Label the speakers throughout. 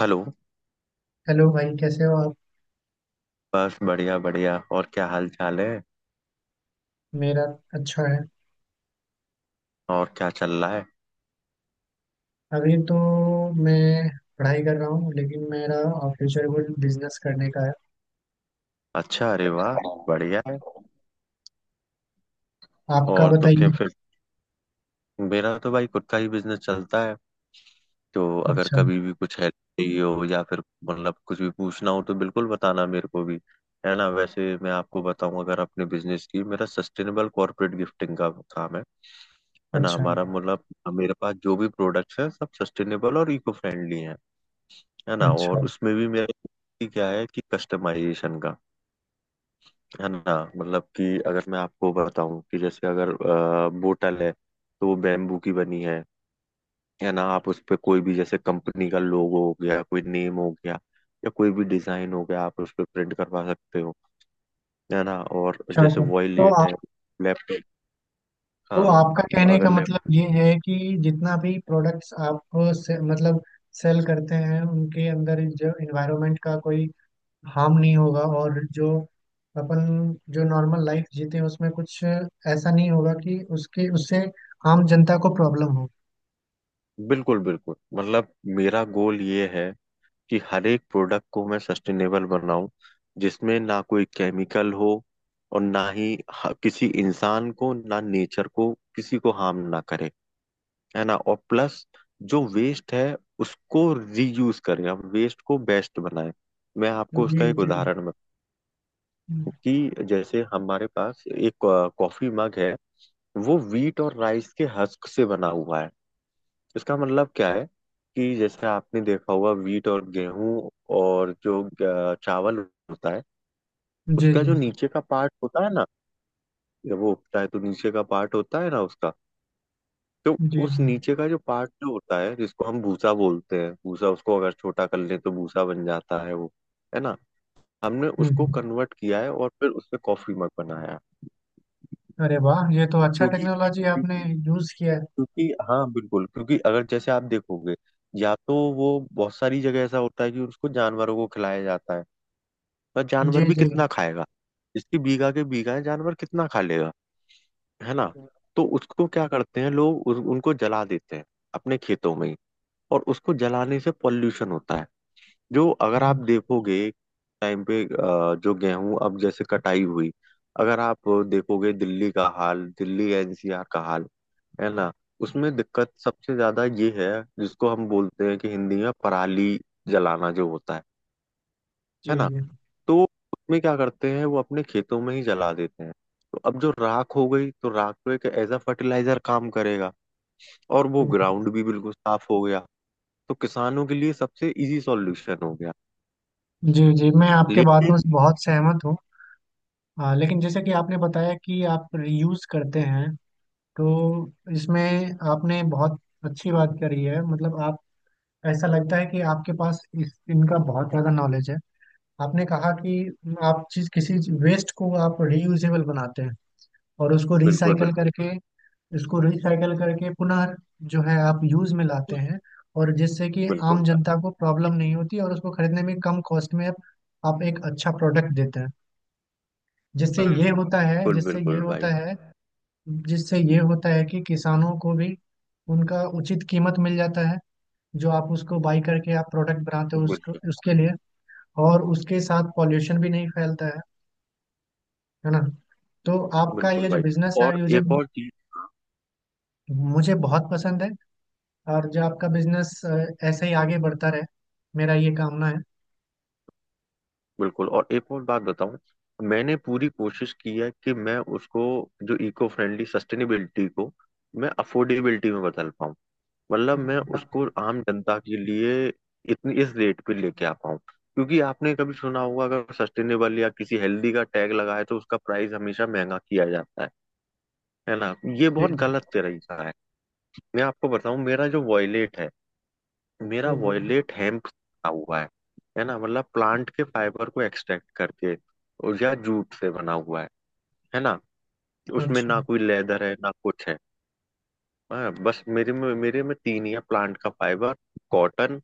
Speaker 1: Hello.
Speaker 2: Hello भाई, कैसे हो आप?
Speaker 1: बस बढ़िया बढ़िया, और क्या हाल चाल है?
Speaker 2: मेरा अच्छा है।
Speaker 1: और क्या चल रहा है?
Speaker 2: अभी तो मैं पढ़ाई कर रहा हूँ, लेकिन मेरा फ्यूचर गोल बिजनेस करने का है।
Speaker 1: अच्छा, अरे वाह, बढ़िया है।
Speaker 2: आपका
Speaker 1: और तो क्या
Speaker 2: बताइए।
Speaker 1: फिर, मेरा तो भाई खुद का ही बिजनेस चलता है। तो अगर
Speaker 2: अच्छा,
Speaker 1: कभी भी कुछ हेल्प चाहिए हो या फिर मतलब कुछ भी पूछना हो तो बिल्कुल बताना मेरे को भी, है ना। वैसे मैं आपको बताऊं, अगर अपने बिजनेस की, मेरा सस्टेनेबल कॉर्पोरेट गिफ्टिंग का काम है ना।
Speaker 2: अच्छा,
Speaker 1: हमारा मतलब मेरे पास जो भी प्रोडक्ट्स हैं सब सस्टेनेबल और इको फ्रेंडली हैं, है ना।
Speaker 2: अच्छा,
Speaker 1: और उसमें भी मेरा क्या है कि कस्टमाइजेशन का, है ना। मतलब कि अगर मैं आपको बताऊं कि जैसे अगर बोतल है तो वो बैम्बू की बनी है ना। आप उस पे कोई भी, जैसे कंपनी का लोगो हो गया, कोई नेम हो गया, या कोई भी डिजाइन हो गया, आप उस पे प्रिंट करवा सकते हो, है ना। और जैसे
Speaker 2: अच्छा। तो
Speaker 1: वॉयलेट है,
Speaker 2: आप
Speaker 1: लैप,
Speaker 2: तो
Speaker 1: हाँ,
Speaker 2: आपका कहने
Speaker 1: अगर
Speaker 2: का
Speaker 1: लैप,
Speaker 2: मतलब ये है कि जितना भी प्रोडक्ट्स आप से, मतलब सेल करते हैं, उनके अंदर जो इन्वायरमेंट का कोई हार्म नहीं होगा, और जो अपन जो नॉर्मल लाइफ जीते हैं उसमें कुछ ऐसा नहीं होगा कि उसके उससे आम जनता को प्रॉब्लम हो।
Speaker 1: बिल्कुल बिल्कुल। मतलब मेरा गोल ये है कि हर एक प्रोडक्ट को मैं सस्टेनेबल बनाऊं, जिसमें ना कोई केमिकल हो और ना ही किसी इंसान को, ना नेचर को, किसी को हार्म ना करे, है ना। और प्लस, जो वेस्ट है उसको रीयूज करें, हम वेस्ट को बेस्ट बनाएं। मैं आपको
Speaker 2: जी
Speaker 1: उसका एक
Speaker 2: जी,
Speaker 1: उदाहरण बताऊं कि जैसे हमारे पास एक कॉफी मग है, वो वीट और राइस के हस्क से बना हुआ है। इसका मतलब क्या है कि जैसे आपने देखा होगा, वीट और गेहूं और जो चावल होता है,
Speaker 2: जी
Speaker 1: उसका
Speaker 2: जी,
Speaker 1: जो नीचे का पार्ट होता है ना, जब वो उगता है तो नीचे का पार्ट होता है ना उसका, तो
Speaker 2: जी
Speaker 1: उस
Speaker 2: जी।
Speaker 1: नीचे का जो पार्ट जो होता है, जिसको हम भूसा बोलते हैं, भूसा, उसको अगर छोटा कर लें तो भूसा बन जाता है वो, है ना। हमने उसको
Speaker 2: हम्म।
Speaker 1: कन्वर्ट किया है और फिर उससे कॉफी मग बनाया।
Speaker 2: अरे वाह, ये तो अच्छा
Speaker 1: जी,
Speaker 2: टेक्नोलॉजी आपने
Speaker 1: क्योंकि,
Speaker 2: यूज किया
Speaker 1: क्योंकि हाँ बिल्कुल, क्योंकि अगर जैसे आप देखोगे, या तो वो, बहुत सारी जगह ऐसा होता है कि उसको जानवरों को खिलाया जाता है, पर
Speaker 2: है।
Speaker 1: जानवर भी
Speaker 2: जी जी,
Speaker 1: कितना खाएगा। इसकी बीघा के बीघा है, जानवर कितना खा लेगा, है ना। तो उसको क्या करते हैं लोग, उनको जला देते हैं अपने खेतों में ही, और उसको जलाने से पॉल्यूशन होता है। जो अगर आप देखोगे टाइम पे, जो गेहूं अब जैसे कटाई हुई, अगर आप देखोगे दिल्ली का हाल, दिल्ली एनसीआर का हाल, है ना। उसमें दिक्कत सबसे ज्यादा ये है जिसको हम बोलते हैं कि हिंदी में पराली जलाना, जो होता है
Speaker 2: जी
Speaker 1: ना।
Speaker 2: जी।
Speaker 1: तो उसमें क्या करते हैं, वो अपने खेतों में ही जला देते हैं। तो अब जो राख हो गई, तो राख तो एक एज अ फर्टिलाइजर काम करेगा, और वो
Speaker 2: हम्म।
Speaker 1: ग्राउंड भी बिल्कुल साफ हो गया। तो किसानों के लिए सबसे इजी सॉल्यूशन हो गया
Speaker 2: जी जी, मैं आपके बातों
Speaker 1: लेकिन।
Speaker 2: से बहुत सहमत हूँ। हाँ, लेकिन जैसे कि आपने बताया कि आप रीयूज करते हैं, तो इसमें आपने बहुत अच्छी बात करी है। मतलब आप, ऐसा लगता है कि आपके पास इस इनका बहुत ज़्यादा नॉलेज है। आपने कहा कि आप चीज किसी वेस्ट को आप रीयूजेबल बनाते हैं, और उसको
Speaker 1: बिल्कुल
Speaker 2: रिसाइकल
Speaker 1: बिल्कुल।
Speaker 2: करके, पुनः जो है आप यूज में लाते हैं, और जिससे कि
Speaker 1: बिल्कुल
Speaker 2: आम
Speaker 1: भाई।
Speaker 2: जनता को प्रॉब्लम नहीं होती, और उसको खरीदने में कम कॉस्ट में आप एक अच्छा प्रोडक्ट देते हैं। जिससे ये होता है
Speaker 1: बिल्कुल
Speaker 2: जिससे ये
Speaker 1: बिल्कुल
Speaker 2: होता
Speaker 1: भाई।
Speaker 2: है जिससे ये होता है कि किसानों को भी उनका उचित कीमत मिल जाता है, जो आप उसको बाई करके आप प्रोडक्ट बनाते हो उसको
Speaker 1: बिल्कुल
Speaker 2: उसके लिए, और उसके साथ पॉल्यूशन भी नहीं फैलता है ना। तो आपका
Speaker 1: बिल्कुल
Speaker 2: ये जो
Speaker 1: भाई।
Speaker 2: बिजनेस है,
Speaker 1: और
Speaker 2: ये मुझे
Speaker 1: एक और चीज
Speaker 2: मुझे बहुत पसंद है। और जो आपका बिजनेस ऐसे ही आगे बढ़ता रहे, मेरा ये कामना है।
Speaker 1: बिल्कुल, और एक और बात बताऊं। मैंने पूरी कोशिश की है कि मैं उसको, जो इको फ्रेंडली सस्टेनेबिलिटी को, मैं अफोर्डेबिलिटी में बदल पाऊं। मतलब मैं
Speaker 2: जी
Speaker 1: उसको आम जनता के लिए इतनी, इस रेट पे लेके आ पाऊं, क्योंकि आपने कभी सुना होगा, अगर सस्टेनेबल या किसी हेल्दी का टैग लगा है तो उसका प्राइस हमेशा महंगा किया जाता है ना। ये
Speaker 2: जी।
Speaker 1: बहुत गलत तरीका है। मैं आपको बताऊं, मेरा जो वॉयलेट है, मेरा
Speaker 2: हम्म, हम्म।
Speaker 1: वॉयलेट हेम्प बना हुआ है ना। मतलब प्लांट के फाइबर को एक्सट्रैक्ट करके, और या जूट से बना हुआ है ना। उसमें
Speaker 2: अच्छा,
Speaker 1: ना कोई लेदर है, ना कुछ है। हाँ, बस मेरे में तीन ही है, प्लांट का फाइबर, कॉटन,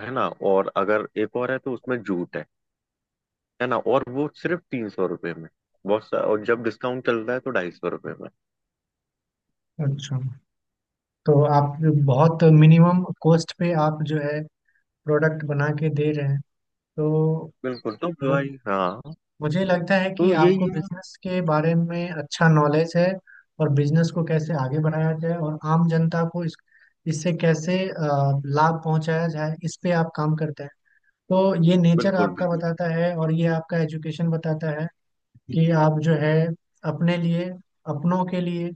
Speaker 1: है ना। और अगर एक और है तो उसमें जूट है ना। और वो सिर्फ 300 रुपये में, बहुत सा, और जब डिस्काउंट चल रहा है तो 250 रुपये में।
Speaker 2: अच्छा। तो आप बहुत मिनिमम कॉस्ट पे आप जो है प्रोडक्ट बना के दे रहे हैं। तो
Speaker 1: बिल्कुल तो भाई, हाँ,
Speaker 2: मुझे लगता है कि
Speaker 1: तो यही
Speaker 2: आपको
Speaker 1: है।
Speaker 2: बिजनेस के बारे में अच्छा नॉलेज है, और बिजनेस को कैसे आगे बढ़ाया जाए, और आम जनता को इस इससे कैसे लाभ पहुंचाया जाए, इस पे आप काम करते हैं। तो ये नेचर
Speaker 1: बिल्कुल
Speaker 2: आपका बताता है और ये आपका एजुकेशन बताता है कि आप जो है, अपने लिए, अपनों के लिए,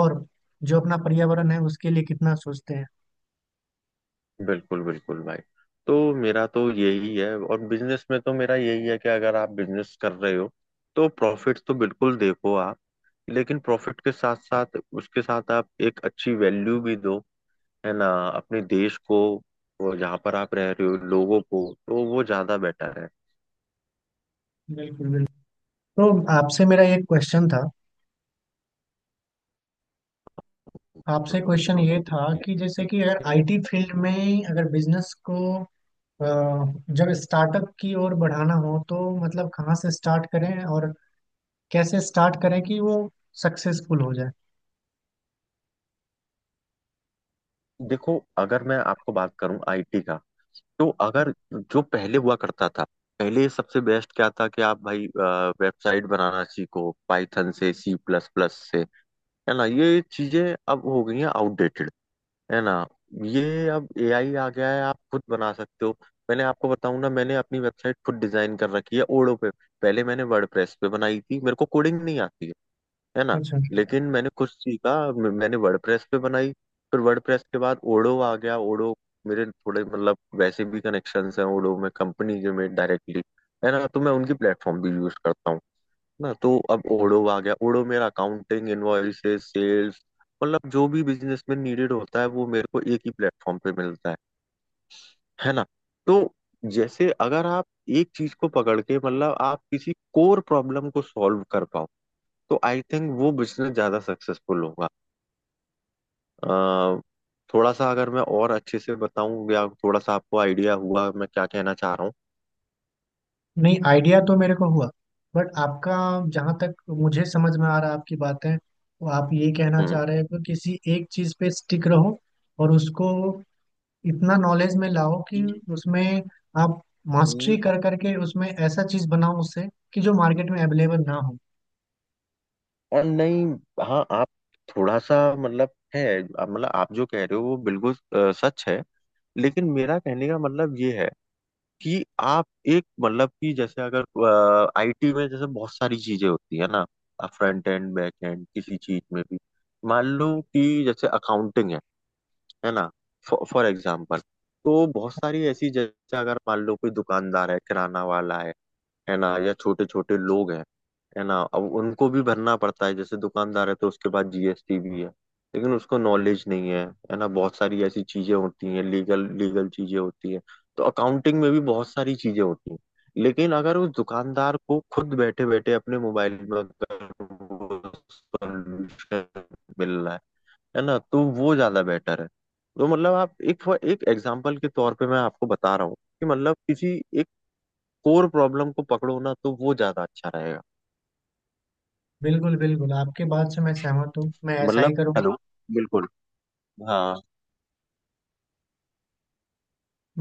Speaker 2: और जो अपना पर्यावरण है उसके लिए कितना सोचते हैं।
Speaker 1: बिल्कुल, बिल्कुल भाई। तो मेरा तो यही है, और बिजनेस में तो मेरा यही है कि अगर आप बिजनेस कर रहे हो, तो प्रॉफिट तो बिल्कुल देखो आप, लेकिन प्रॉफिट के साथ साथ, उसके साथ आप एक अच्छी वैल्यू भी दो, है ना, अपने देश को, वो जहाँ पर आप रह रहे हो, लोगों को, तो वो ज्यादा बेटर है।
Speaker 2: बिल्कुल, बिल्कुल। तो आपसे मेरा एक क्वेश्चन था। आपसे क्वेश्चन ये था कि जैसे कि अगर आईटी फील्ड में, अगर बिजनेस को अ, जब स्टार्टअप की ओर बढ़ाना हो, तो मतलब कहाँ से स्टार्ट करें और कैसे स्टार्ट करें कि वो सक्सेसफुल हो जाए।
Speaker 1: देखो, अगर मैं आपको बात करूं आईटी का, तो अगर जो पहले हुआ करता था, पहले सबसे बेस्ट क्या था कि आप भाई वेबसाइट बनाना सीखो, पाइथन से, सी प्लस प्लस से, है ना। ये चीजें अब हो गई हैं आउटडेटेड, है ना। ये, अब एआई आ गया है, आप खुद बना सकते हो। मैंने आपको बताऊं ना, मैंने अपनी वेबसाइट खुद डिजाइन कर रखी है ओडो पे। पहले मैंने वर्डप्रेस पे बनाई थी, मेरे को कोडिंग नहीं आती है ना।
Speaker 2: अच्छा।
Speaker 1: लेकिन मैंने कुछ सीखा, मैंने वर्डप्रेस पे बनाई, फिर वर्डप्रेस के बाद ओडो आ गया। ओडो, मेरे थोड़े मतलब वैसे भी कनेक्शंस हैं ओडो में, कंपनी के में डायरेक्टली, है ना। तो मैं उनकी प्लेटफॉर्म भी यूज करता हूँ ना। तो अब ओडो आ गया, ओडो मेरा अकाउंटिंग, इनवॉइसेस, सेल्स, मतलब जो भी बिजनेस में नीडेड होता है वो मेरे को एक ही प्लेटफॉर्म पे मिलता है ना। तो जैसे अगर आप एक चीज को पकड़ के, मतलब आप किसी कोर प्रॉब्लम को सॉल्व कर पाओ, तो आई थिंक वो बिजनेस ज्यादा सक्सेसफुल होगा। अ, थोड़ा सा अगर मैं और अच्छे से बताऊं, या थोड़ा सा आपको आइडिया हुआ मैं क्या कहना चाह रहा हूँ?
Speaker 2: नहीं, आइडिया तो मेरे को हुआ, बट आपका, जहाँ तक मुझे समझ में आ रहा है आपकी बातें, वो आप ये कहना
Speaker 1: हम्म।
Speaker 2: चाह रहे हो कि किसी एक चीज़ पे स्टिक रहो, और उसको इतना नॉलेज में लाओ कि उसमें आप मास्टरी
Speaker 1: हम्म,
Speaker 2: कर करके उसमें ऐसा चीज़ बनाओ उससे, कि जो मार्केट में अवेलेबल ना हो।
Speaker 1: और नहीं, हाँ आप, थोड़ा सा मतलब है, मतलब आप जो कह रहे हो वो बिल्कुल सच है, लेकिन मेरा कहने का मतलब ये है कि आप एक, मतलब कि जैसे अगर आईटी में जैसे बहुत सारी चीजें होती है ना, आप फ्रंट एंड, बैक एंड, किसी चीज में भी, मान लो कि जैसे अकाउंटिंग है ना, फॉर एग्जाम्पल। तो बहुत सारी ऐसी, जैसे अगर मान लो कोई दुकानदार है, किराना वाला है ना, या छोटे छोटे लोग हैं, है ना। अब उनको भी भरना पड़ता है, जैसे दुकानदार है तो उसके पास जीएसटी भी है, लेकिन उसको नॉलेज नहीं है, है ना। बहुत सारी ऐसी चीजें होती हैं, लीगल लीगल चीजें होती हैं, तो अकाउंटिंग में भी बहुत सारी चीजें होती हैं। लेकिन अगर उस दुकानदार को खुद बैठे बैठे अपने मोबाइल में अगर वो solution मिल रहा है ना, तो वो ज्यादा बेटर है। तो मतलब आप एक, एक एग्जाम्पल के तौर पे मैं आपको बता रहा हूँ कि मतलब किसी एक कोर प्रॉब्लम को पकड़ो ना, तो वो ज्यादा अच्छा रहेगा।
Speaker 2: बिल्कुल, बिल्कुल, आपके बात से मैं सहमत हूँ।
Speaker 1: मतलब हेलो, बिल्कुल, हाँ।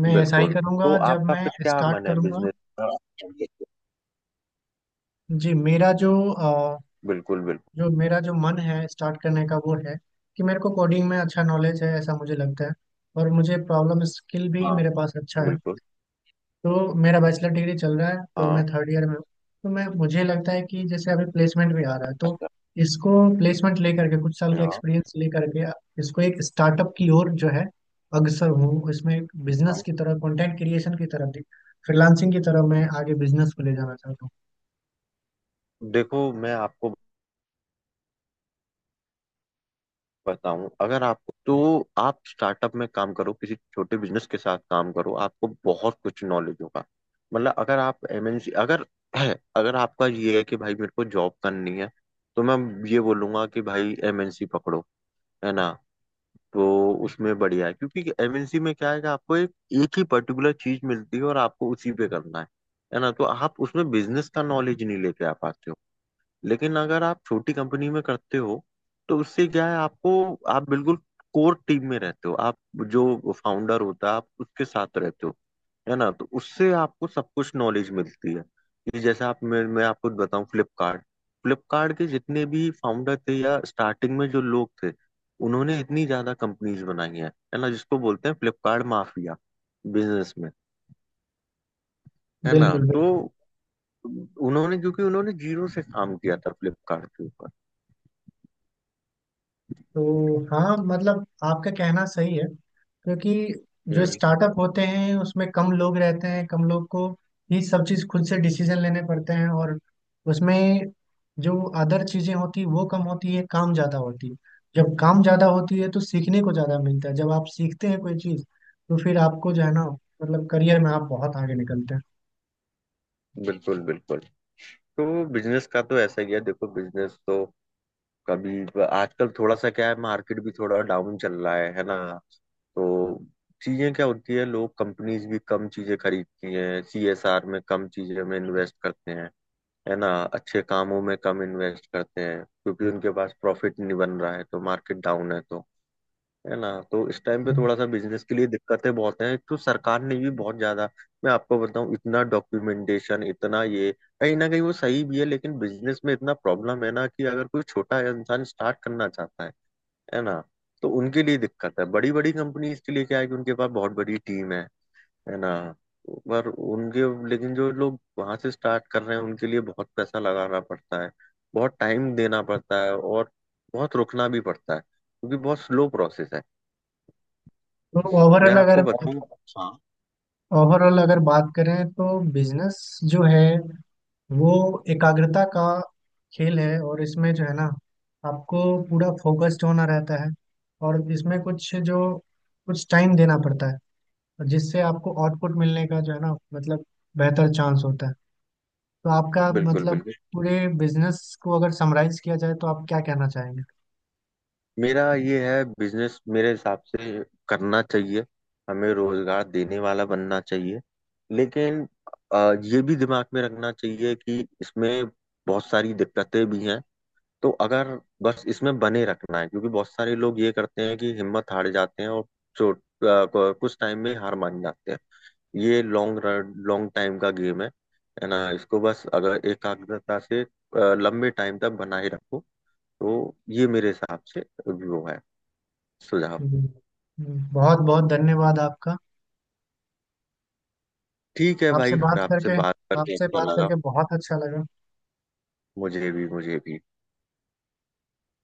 Speaker 2: मैं ऐसा ही
Speaker 1: बिल्कुल, तो
Speaker 2: करूंगा जब
Speaker 1: आपका
Speaker 2: मैं
Speaker 1: फिर क्या
Speaker 2: स्टार्ट
Speaker 1: मन है
Speaker 2: करूंगा।
Speaker 1: बिजनेस?
Speaker 2: जी,
Speaker 1: बिल्कुल बिल्कुल।
Speaker 2: मेरा जो मन है स्टार्ट करने का वो है कि मेरे को कोडिंग में अच्छा नॉलेज है, ऐसा मुझे लगता है, और मुझे प्रॉब्लम स्किल भी
Speaker 1: हाँ
Speaker 2: मेरे पास अच्छा है।
Speaker 1: बिल्कुल।
Speaker 2: तो मेरा बैचलर डिग्री चल रहा है, तो मैं
Speaker 1: हाँ।
Speaker 2: थर्ड ईयर में हूँ। तो मैं मुझे लगता है कि जैसे अभी प्लेसमेंट भी आ रहा है, तो इसको प्लेसमेंट लेकर के कुछ साल का
Speaker 1: हाँ।
Speaker 2: एक्सपीरियंस लेकर के इसको एक स्टार्टअप की ओर जो है अग्रसर हूँ, इसमें एक बिजनेस
Speaker 1: हाँ।
Speaker 2: की तरह कंटेंट क्रिएशन की तरफ, फ्रीलांसिंग की तरफ मैं आगे बिजनेस को ले जाना चाहता
Speaker 1: देखो मैं आपको बताऊं, अगर आपको, तो आप स्टार्टअप में काम करो, किसी छोटे बिजनेस के साथ काम करो, आपको बहुत कुछ नॉलेज होगा। मतलब अगर आप एमएनसी, अगर है, अगर आपका ये है कि भाई मेरे को जॉब करनी है, तो मैं ये बोलूंगा कि भाई एमएनसी पकड़ो, है ना। तो उसमें बढ़िया है, क्योंकि एमएनसी में क्या है कि आपको एक, एक ही पर्टिकुलर चीज मिलती है और आपको उसी पे करना है ना। तो आप उसमें बिजनेस का नॉलेज नहीं लेके आ पाते हो, लेकिन अगर आप छोटी कंपनी में करते हो तो उससे क्या है, आपको, आप बिल्कुल कोर टीम में रहते हो, आप जो फाउंडर होता है आप उसके साथ रहते हो, है ना। तो उससे आपको सब कुछ नॉलेज मिलती है कि जैसे आप, मैं आपको बताऊं फ्लिपकार्ट, फ्लिपकार्ट के जितने भी फाउंडर थे या स्टार्टिंग में जो लोग थे, उन्होंने इतनी ज्यादा कंपनीज बनाई हैं, है ना, जिसको बोलते हैं फ्लिपकार्ट माफिया, बिजनेस में,
Speaker 2: हूँ।
Speaker 1: है ना।
Speaker 2: बिल्कुल,
Speaker 1: तो
Speaker 2: बिल्कुल।
Speaker 1: उन्होंने, क्योंकि उन्होंने जीरो से काम किया था फ्लिपकार्ट के ऊपर।
Speaker 2: तो हाँ, मतलब आपका कहना सही है, क्योंकि जो
Speaker 1: हम्म,
Speaker 2: स्टार्टअप होते हैं उसमें कम लोग रहते हैं, कम लोग को ही सब चीज़ खुद से डिसीजन लेने पड़ते हैं। और उसमें जो अदर चीज़ें होती है वो कम होती है, काम ज़्यादा होती है। जब काम ज़्यादा होती है तो सीखने को ज़्यादा मिलता है। जब आप सीखते हैं कोई चीज़, तो फिर आपको जो है ना, मतलब करियर में आप बहुत आगे निकलते
Speaker 1: बिल्कुल बिल्कुल। तो बिजनेस का तो ऐसा ही है, देखो बिजनेस तो, कभी, आजकल थोड़ा सा क्या है, मार्केट भी थोड़ा डाउन चल रहा है ना। तो चीजें क्या होती है, लोग, कंपनीज भी कम चीजें खरीदती हैं, सीएसआर में कम चीजें में इन्वेस्ट करते हैं, है ना, अच्छे कामों में कम इन्वेस्ट करते हैं क्योंकि उनके पास प्रॉफिट नहीं बन रहा है, तो मार्केट डाउन है तो, है ना। तो इस टाइम पे
Speaker 2: हैं।
Speaker 1: थोड़ा सा बिजनेस के लिए दिक्कतें बहुत हैं, तो सरकार ने भी बहुत ज्यादा, मैं आपको बताऊं, इतना डॉक्यूमेंटेशन, इतना ये, कहीं ना कहीं वो सही भी है, लेकिन बिजनेस में इतना प्रॉब्लम है ना, कि अगर कोई छोटा इंसान स्टार्ट करना चाहता है ना, तो उनके लिए दिक्कत है। बड़ी बड़ी कंपनीज के लिए क्या है कि उनके पास बहुत बड़ी टीम है ना। पर उनके लेकिन जो लोग वहां से स्टार्ट कर रहे हैं उनके लिए बहुत पैसा लगाना पड़ता है, बहुत टाइम देना पड़ता है, और बहुत रुकना भी पड़ता है क्योंकि बहुत स्लो प्रोसेस है।
Speaker 2: तो
Speaker 1: मैं
Speaker 2: ओवरऑल अगर
Speaker 1: आपको बताऊं, हाँ,
Speaker 2: ओवरऑल अगर बात करें, तो बिजनेस जो है वो एकाग्रता का खेल है, और इसमें जो है ना, आपको पूरा फोकस्ड होना रहता है। और इसमें कुछ टाइम देना पड़ता है, और जिससे आपको आउटपुट मिलने का जो है ना, मतलब, बेहतर चांस होता है। तो आपका
Speaker 1: बिल्कुल
Speaker 2: मतलब,
Speaker 1: बिल्कुल।
Speaker 2: पूरे बिजनेस को अगर समराइज किया जाए, तो आप क्या कहना चाहेंगे?
Speaker 1: मेरा ये है, बिजनेस मेरे हिसाब से करना चाहिए, हमें रोजगार देने वाला बनना चाहिए। लेकिन ये भी दिमाग में रखना चाहिए कि इसमें बहुत सारी दिक्कतें भी हैं, तो अगर, बस इसमें बने रखना है, क्योंकि बहुत सारे लोग ये करते हैं कि हिम्मत हार जाते हैं और चोट अ, कुछ टाइम में हार मान जाते हैं। ये लॉन्ग टाइम का गेम है ना। इसको बस अगर एकाग्रता से लंबे टाइम तक बनाए रखो, तो ये मेरे हिसाब से वो है, सुझाव।
Speaker 2: जी। बहुत बहुत धन्यवाद आपका।
Speaker 1: ठीक है
Speaker 2: आपसे
Speaker 1: भाई,
Speaker 2: बात
Speaker 1: आपसे
Speaker 2: करके
Speaker 1: बात करके
Speaker 2: आपसे
Speaker 1: अच्छा
Speaker 2: बात
Speaker 1: लगा।
Speaker 2: करके बहुत अच्छा लगा।
Speaker 1: मुझे भी, मुझे भी।